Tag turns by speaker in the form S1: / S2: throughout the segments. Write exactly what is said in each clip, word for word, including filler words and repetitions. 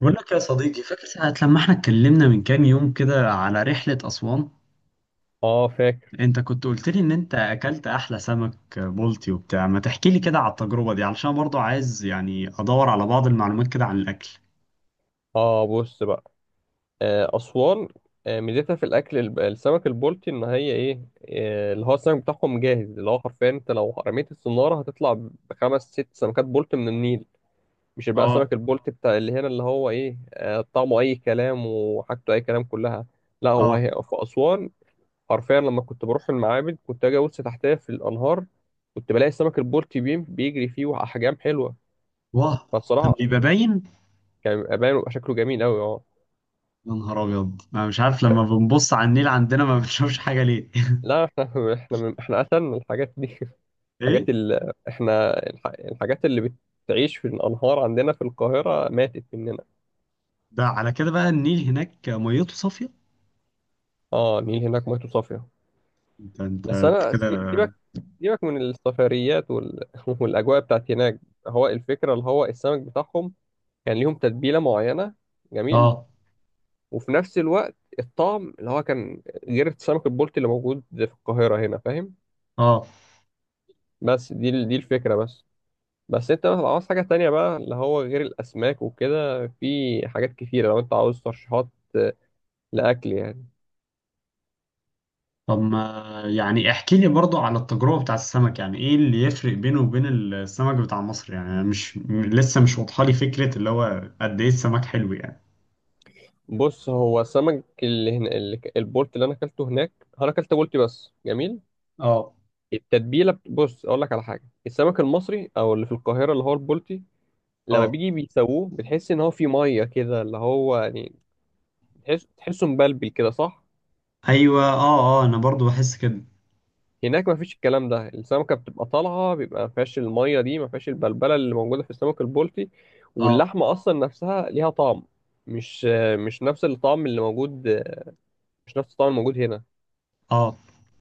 S1: بقول لك يا صديقي، فاكر ساعة لما احنا اتكلمنا من كام يوم كده على رحلة أسوان؟
S2: اه فاكر.
S1: انت كنت قلت لي ان انت اكلت احلى سمك بلطي وبتاع، ما تحكي لي كده على التجربة دي علشان برضو عايز يعني ادور على بعض المعلومات كده عن الاكل.
S2: اه، بص بقى. آه اسوان. آه ميزتها في الاكل الب- السمك البلطي ان هي ايه آه اللي هو السمك بتاعهم جاهز، اللي هو حرفيا انت لو رميت الصناره هتطلع بخمس ست سمكات بلطي من النيل. مش بقى
S1: اه،
S2: سمك البلطي بتاع اللي هنا، اللي هو ايه آه طعمه اي كلام، وحاجته اي كلام، كلها. لا، هو
S1: اه.
S2: هي في اسوان حرفيا، لما كنت بروح المعابد كنت اجي ابص تحتها في الانهار، كنت بلاقي السمك البلطي بيم- بيجري فيه، واحجام حلوه،
S1: واه. كان
S2: فالصراحه
S1: بيبقى باين.
S2: كان بيبقى باين، وبيبقى شكله جميل قوي.
S1: يا نهار ابيض، انا مش عارف لما بنبص على النيل عندنا ما بنشوفش حاجة ليه؟
S2: لا، احنا احنا من احنا قتلنا الحاجات دي.
S1: ايه.
S2: الحاجات ال... احنا الح... الحاجات اللي بتعيش في الانهار عندنا في القاهره ماتت مننا.
S1: ده على كده بقى، النيل هناك ميته صافية.
S2: اه، النيل هناك ميته صافيه.
S1: انت انت
S2: بس
S1: أنت
S2: انا
S1: كده.
S2: سي- سيبك، سيبك من السفريات، وال... والاجواء بتاعت هناك. هو الفكره، اللي هو السمك بتاعهم كان ليهم تتبيله معينه، جميل.
S1: اه،
S2: وفي نفس الوقت الطعم اللي هو كان غير السمك البلطي اللي موجود في القاهره هنا، فاهم؟
S1: اه.
S2: بس دي ال- دي الفكره بس. بس انت مثلا عاوز حاجة تانية بقى، اللي هو غير الأسماك وكده، في حاجات كتيرة لو انت عاوز ترشيحات لأكل يعني.
S1: طب ما يعني احكي لي برضو على التجربة بتاع السمك، يعني ايه اللي يفرق بينه وبين السمك بتاع مصر، يعني أنا مش م- لسه مش واضحة لي فكرة اللي هو قد ايه السمك حلو يعني.
S2: بص، هو سمك اللي هنا اللي ك- البولت اللي أنا أكلته هناك، أنا أكلت بولتي بس، جميل.
S1: اه،
S2: التتبيلة بت- بص، أقول لك على حاجة. السمك المصري أو اللي في القاهرة، اللي هو البولتي، لما
S1: اه،
S2: بيجي بيسووه بتحس إن هو فيه مية كده، اللي هو يعني تحس تحسه مبلبل كده، صح؟
S1: ايوه، اه، اه، انا برضو بحس كده.
S2: هناك ما فيش الكلام ده، السمكة بتبقى طالعة، بيبقى ما فيهاش المية دي، ما فيهاش البلبلة اللي موجودة في السمك البلطي.
S1: اه،
S2: واللحمة أصلا نفسها ليها طعم، مش مش نفس الطعم اللي موجود، مش نفس الطعم الموجود هنا.
S1: اه،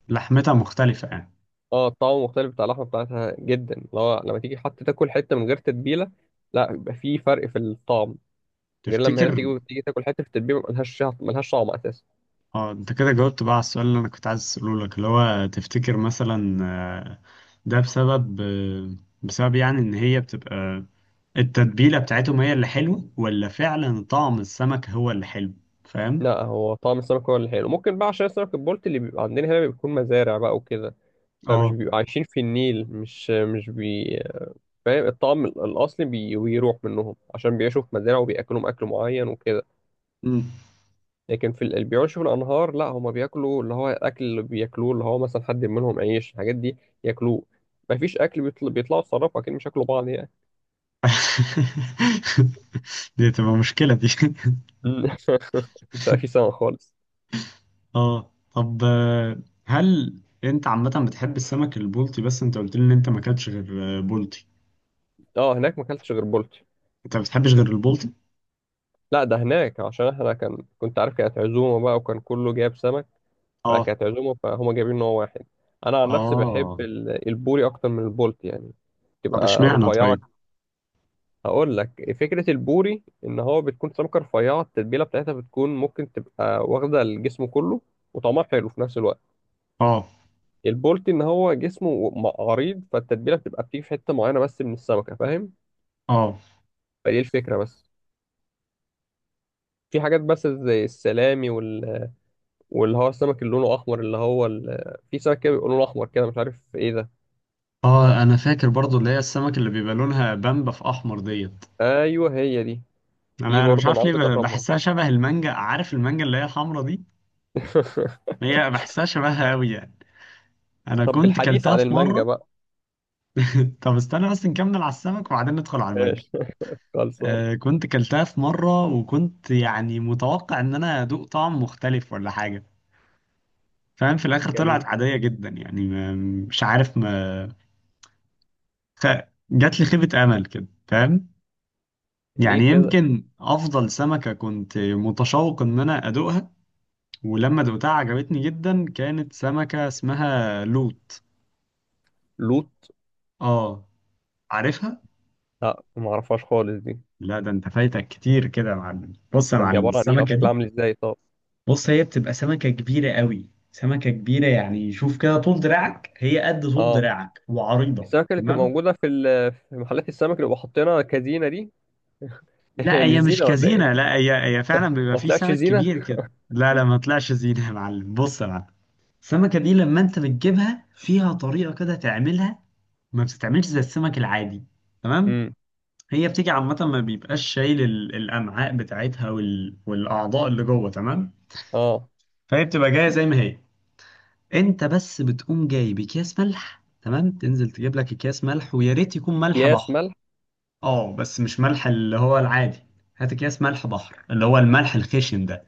S1: لحمتها مختلفة يعني.
S2: اه، الطعم مختلف، بتاع اللحمة بتاعتها جدا، لو لما تيجي حتى تاكل حتة من غير تتبيلة، لا، بيبقى في فرق في الطعم. غير لما هنا
S1: تفتكر؟
S2: تيجي تيجي تاكل حتة في التتبيلة، ملهاش ملهاش طعم أساسا.
S1: اه، انت كده جاوبت بقى على السؤال اللي انا كنت عايز اساله لك، اللي هو تفتكر مثلا، آه، ده بسبب آه، بسبب يعني ان هي بتبقى، التتبيلة بتاعتهم هي اللي حلوة ولا فعلا طعم السمك هو اللي حلو، فاهم؟
S2: لا، هو طعم السمك هو اللي حلو. ممكن بقى عشان السمك البلطي اللي بيبقى عندنا هنا بيكون مزارع بقى وكده، فمش
S1: اه،
S2: بيبقوا عايشين في النيل، مش مش بي فاهم؟ الطعم ال- الأصلي بي... بيروح منهم عشان بيعيشوا في مزارع وبيأكلهم أكل معين وكده.
S1: مم.
S2: لكن في ال... اللي بيعيشوا في الأنهار لا، هما بياكلوا اللي هو الأكل اللي بياكلوه، اللي هو مثلا حد منهم عيش الحاجات دي ياكلوه. مفيش أكل بيطل... بيطلعوا يتصرفوا، أكيد مش ياكلوا بعض يعني.
S1: دي تبقى مشكلة دي
S2: امم مش عارف في سمك خالص.
S1: اه، طب، آه، هل انت عامة بتحب السمك البلطي؟ بس انت قلت لي ان انت ما اكلتش غير، آه، بلطي،
S2: اه، هناك ما أكلتش غير بولتي.
S1: انت ما بتحبش غير البلطي؟
S2: لا، ده هناك عشان احنا كان كنت عارف، كانت عزومة بقى وكان كله جايب سمك،
S1: اه،
S2: فكانت عزومة، فهم جايبين نوع واحد. أنا عن نفسي بحب
S1: اه،
S2: ال- البوري أكتر من البولت يعني،
S1: طب
S2: تبقى
S1: اشمعنى
S2: رفيعة.
S1: طيب؟
S2: هقول لك فكرة البوري، إن هو بتكون سمكة رفيعة، التتبيلة بتاعتها بتكون ممكن تبقى واخدة الجسم كله، وطعمها حلو في نفس الوقت.
S1: اه،
S2: البولت إن هو جسمه م- عريض، فالتتبيلة بتبقى بتيجي في حتة معينة بس من السمكة، فاهم؟
S1: اه،
S2: فدي الفكرة بس. في حاجات بس زي السلامي وال... واللي هو السمك اللي لونه أحمر، اللي هو ال... في سمك كده بيبقى لونه أحمر كده، مش عارف إيه ده.
S1: اه، انا فاكر برضو اللي هي السمك اللي بيبقى لونها بامبا في احمر ديت.
S2: أيوه، هي دي. دي
S1: انا انا مش
S2: برضه انا
S1: عارف
S2: عاوز
S1: ليه، ب-
S2: اجربها.
S1: بحسها شبه المانجا، عارف المانجا اللي هي الحمرا دي، هي بحسها شبهها قوي يعني. انا
S2: طب،
S1: كنت
S2: بالحديث
S1: كلتها
S2: عن
S1: في
S2: المانجا
S1: مره.
S2: بقى.
S1: طب استنى بس نكمل على السمك وبعدين ندخل على المانجا.
S2: إيش؟ خلصان.
S1: آه كنت كلتها في مره وكنت يعني متوقع ان انا ادوق طعم مختلف ولا حاجه، فاهم؟ في الاخر طلعت
S2: جميل.
S1: عاديه جدا يعني، ما- مش عارف، ما خ... جات لي خيبه امل كده، فاهم؟
S2: ليه
S1: يعني
S2: كده؟
S1: يمكن افضل سمكة كنت متشوق ان انا ادوقها، ولما دوقتها عجبتني جدا، كانت سمكة اسمها لوت.
S2: لوت.
S1: اه. عارفها؟
S2: لا، ما اعرفهاش خالص دي.
S1: لا، ده انت فايتك كتير كده يا معلم، بص يا
S2: طب، دي
S1: معلم،
S2: عباره عن ايه او
S1: السمكة
S2: شكلها
S1: دي،
S2: عامل ازاي، طب؟
S1: بص هي بتبقى سمكة كبيرة قوي، سمكة كبيرة يعني شوف كده، طول دراعك، هي قد طول
S2: اه،
S1: دراعك
S2: دي
S1: وعريضة،
S2: السمكه اللي بتبقى
S1: تمام؟
S2: موجوده في ال- في محلات السمك اللي بيبقوا حاطينها كزينه دي؟
S1: لا،
S2: هي مش
S1: هي مش
S2: زينه ولا
S1: كزينة،
S2: ايه؟
S1: لا، هي هي فعلا بيبقى
S2: ما
S1: فيه
S2: طلعتش
S1: سمك
S2: زينه.
S1: كبير كده. لا، لا، ما طلعش زينة يا معلم، بص يا معلم، السمكة دي لما انت بتجيبها فيها طريقة كده تعملها، ما بتتعملش زي السمك العادي، تمام.
S2: امم.
S1: هي بتيجي عامة ما بيبقاش شايل ال- الأمعاء بتاعتها وال... والأعضاء اللي جوه، تمام.
S2: اه،
S1: فهي بتبقى جاية زي ما هي، انت بس بتقوم جاي بأكياس ملح، تمام، تنزل تجيب لك أكياس ملح، ويا ريت يكون ملح
S2: اكياس
S1: بحر.
S2: ملح.
S1: اه، بس مش ملح اللي هو العادي، هات أكياس ملح بحر اللي هو الملح الخشن ده،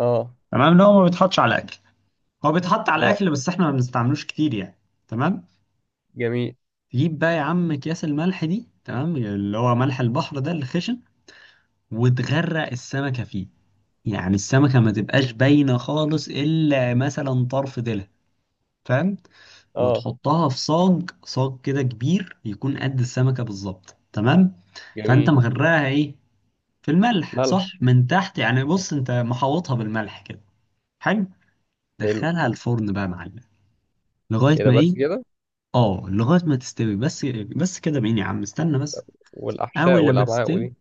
S2: اه،
S1: تمام، اللي هو ما بيتحطش على الاكل، هو بيتحط على
S2: اه.
S1: الاكل بس احنا ما بنستعملوش كتير يعني، تمام.
S2: جميل.
S1: تجيب بقى يا عم اكياس الملح دي، تمام، اللي هو ملح البحر ده الخشن، وتغرق السمكه فيه، يعني السمكه ما تبقاش باينه خالص الا مثلا طرف ديلها، فاهم؟
S2: اه،
S1: وتحطها في صاج، صاج كده كبير يكون قد السمكه بالظبط، تمام. فانت
S2: جميل.
S1: مغرقها ايه، في الملح، صح؟
S2: ملح.
S1: من تحت يعني، بص انت محوطها بالملح كده، حلو،
S2: حلو.
S1: دخلها الفرن بقى يا معلم، لغايه
S2: يا ده،
S1: ما
S2: بس
S1: ايه؟
S2: كده؟
S1: اه، لغاية ما تستوي بس، بس كده بعيني يا عم، استنى بس،
S2: والاحشاء
S1: أول لما
S2: والامعاء
S1: تستوي.
S2: ودي؟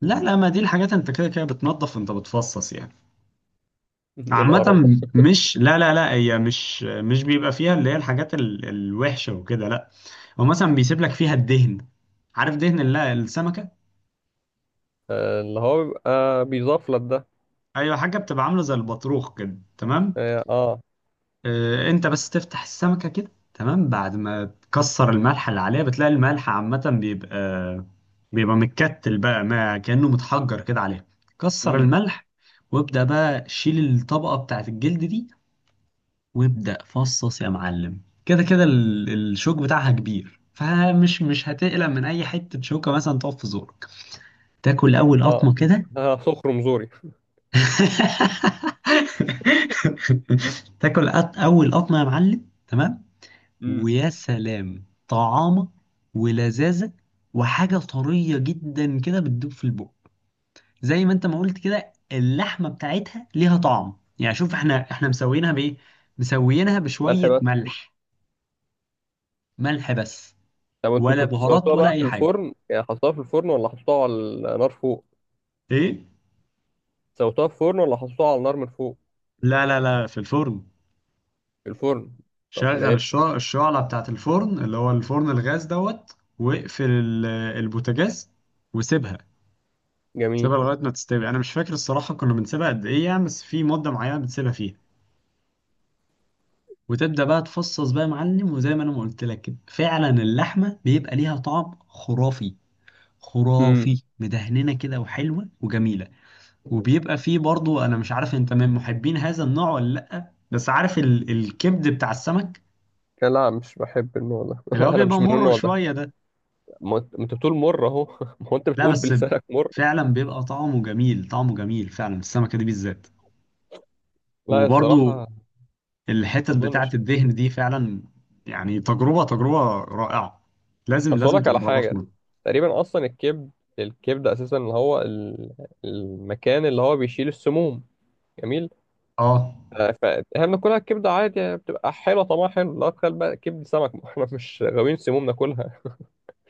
S1: لا، لا، ما دي الحاجات أنت كده كده بتنظف، أنت بتفصص يعني،
S2: ايه
S1: عامة،
S2: القرف ده!
S1: مش، لا، لا، لا، هي مش مش بيبقى فيها اللي هي الحاجات، ال... الوحشة وكده، لا، هو مثلا بيسيب لك فيها الدهن، عارف دهن ال- السمكة؟
S2: آه، اللي هو بيبقى بيضاف لك ده؟
S1: أيوة، حاجة بتبقى عاملة زي البطروخ كده، تمام.
S2: اه، اه.
S1: آه، انت بس تفتح السمكة كده، تمام، بعد ما تكسر الملح اللي عليها بتلاقي الملح عامة بيبقى بيبقى متكتل بقى، ما كأنه متحجر كده عليها، كسر
S2: امم.
S1: الملح، وابدأ بقى شيل الطبقة بتاعت الجلد دي، وابدأ فصص يا معلم، كده كده ال- الشوك بتاعها كبير، فمش مش هتقلق من اي حتة شوكة مثلا تقف في زورك، تاكل اول
S2: اه.
S1: قطمة كده.
S2: آه، صخر مزوري.
S1: تاكل أط- اول قطمة يا معلم، تمام،
S2: امم.
S1: ويا سلام طعامة، ولذاذة، وحاجة طرية جدا كده بتدوب في البق، زي ما انت ما قلت كده اللحمة بتاعتها ليها طعم يعني، شوف احنا احنا مسويينها بايه، مسويينها
S2: ملح
S1: بشوية
S2: بس.
S1: ملح، ملح بس،
S2: طب، انتوا
S1: ولا
S2: كنتوا
S1: بهارات
S2: سويتوها
S1: ولا
S2: بقى في
S1: اي حاجة.
S2: الفرن يعني، حطيتوها في الفرن ولا حطيتوها على النار فوق؟
S1: ايه،
S2: سويتوها في الفرن ولا حطيتوها على النار من فوق؟
S1: لا، لا، لا، في الفرن،
S2: في الفرن؟ طب،
S1: شغل
S2: ماشي.
S1: الشع- الشعلة بتاعت الفرن اللي هو الفرن الغاز دوت، واقفل ال- البوتاجاز، وسيبها،
S2: جميل.
S1: سيبها لغاية ما تستوي، أنا مش فاكر الصراحة كنا بنسيبها قد إيه يعني، بس في مدة معينة بتسيبها فيها، وتبدأ بقى تفصص بقى يا معلم، وزي ما أنا ما قلت لك كده فعلا اللحمة بيبقى ليها طعم خرافي،
S2: امم.
S1: خرافي مدهننة كده وحلوة وجميلة، وبيبقى فيه برضو، أنا مش عارف أنت من محبين هذا النوع ولا لأ، بس عارف ال... الكبد بتاع السمك
S2: لا، مش بحب النوع ده.
S1: اللي هو
S2: انا
S1: بيبقى
S2: مش من
S1: مر
S2: النوع ده.
S1: شوية ده،
S2: ما انت ما انت بتقول مر اهو. ما هو انت
S1: لا
S2: بتقول
S1: بس
S2: بلسانك مر.
S1: فعلا بيبقى طعمه جميل، طعمه جميل فعلا السمكة دي بالذات،
S2: لا،
S1: وبرضو
S2: الصراحه. ما
S1: الحتت بتاعة
S2: اظنش.
S1: الدهن دي فعلا، يعني تجربة تجربة رائعة، لازم
S2: اصل أقول
S1: لازم
S2: لك على
S1: تجربها في
S2: حاجه.
S1: مرة.
S2: تقريبا اصلا الكبد. الكبد اساسا اللي هو ال- المكان اللي هو بيشيل السموم. جميل.
S1: اه،
S2: فاهم؟ ناكلها الكبده عادي يعني، بتبقى حلوه طعمها حلو؟ لا تخيل بقى، كبده سمك! ما احنا مش غاويين سموم ناكلها.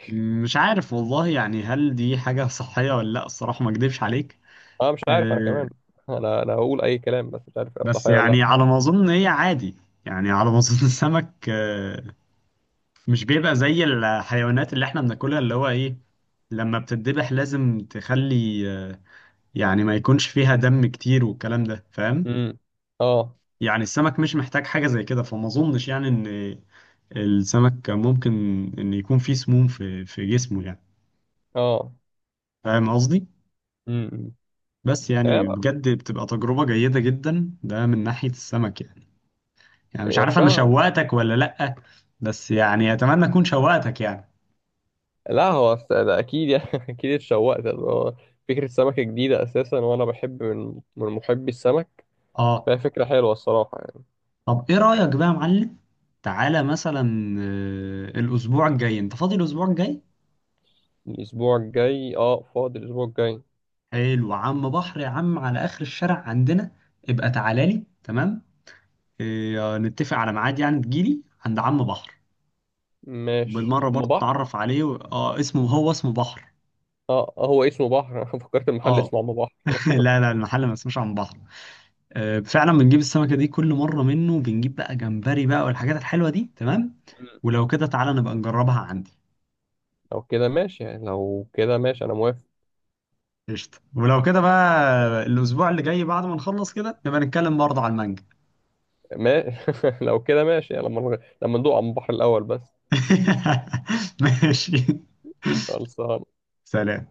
S1: مش عارف والله، يعني هل دي حاجة صحية ولا لا الصراحة، ما اكدبش عليك،
S2: انا مش عارف، انا
S1: آه
S2: كمان. انا انا هقول اي كلام بس مش عارف صح
S1: بس
S2: ولا لا.
S1: يعني على ما اظن هي عادي، يعني على ما اظن السمك، آه مش بيبقى زي الحيوانات اللي احنا بناكلها اللي هو ايه، لما بتتذبح لازم تخلي، آه يعني ما يكونش فيها دم كتير والكلام ده، فاهم؟
S2: امم. اه،
S1: يعني السمك مش محتاج حاجة زي كده، فما اظنش يعني ان السمك ممكن إن يكون فيه سموم في في جسمه يعني،
S2: اه.
S1: فاهم قصدي؟
S2: امم.
S1: بس
S2: هي
S1: يعني
S2: بقى.
S1: بجد بتبقى تجربة جيدة جدا، ده من ناحية السمك يعني، يعني مش
S2: هي
S1: عارف أنا
S2: فعلا.
S1: شوقتك ولا لأ، بس يعني أتمنى أكون شوقتك يعني.
S2: لا، هو س- ده اكيد يعني. اكيد اتشوقت، اللي هو فكره سمكه جديده اساسا، وانا بحب من من محبي السمك،
S1: آه
S2: فهي فكره حلوه الصراحه يعني.
S1: طب إيه رأيك بقى يا معلم؟ تعالى مثلا، آه، الأسبوع الجاي أنت فاضي الأسبوع الجاي؟
S2: الاسبوع الجاي، اه، فاضي الاسبوع الجاي.
S1: حلو، عم بحر يا عم على آخر الشارع عندنا، ابقى تعالى لي، تمام؟ آه، نتفق على ميعاد يعني تجيلي عند عم بحر،
S2: ماشي،
S1: بالمره
S2: اما
S1: برضه
S2: بحر.
S1: اتعرف عليه و... اه اسمه هو اسمه بحر،
S2: اه، آه، هو اسمه بحر. انا فكرت المحل
S1: اه.
S2: اسمه اما بحر.
S1: لا، لا، المحل ما اسموش عن بحر، آه فعلا بنجيب السمكه دي كل مره منه، بنجيب بقى جمبري بقى والحاجات الحلوه دي، تمام، ولو كده تعالى نبقى نجربها عندي،
S2: لو كده ماشي يعني، لو كده ماشي انا موافق.
S1: قشطه ولو كده بقى، الاسبوع اللي جاي بعد ما نخلص كده نبقى نتكلم برضه على المانجا.
S2: ما... لو كده ماشي يعني، لما نغ- لما ندوق على البحر الاول بس.
S1: ماشي،
S2: خلصان.
S1: سلام.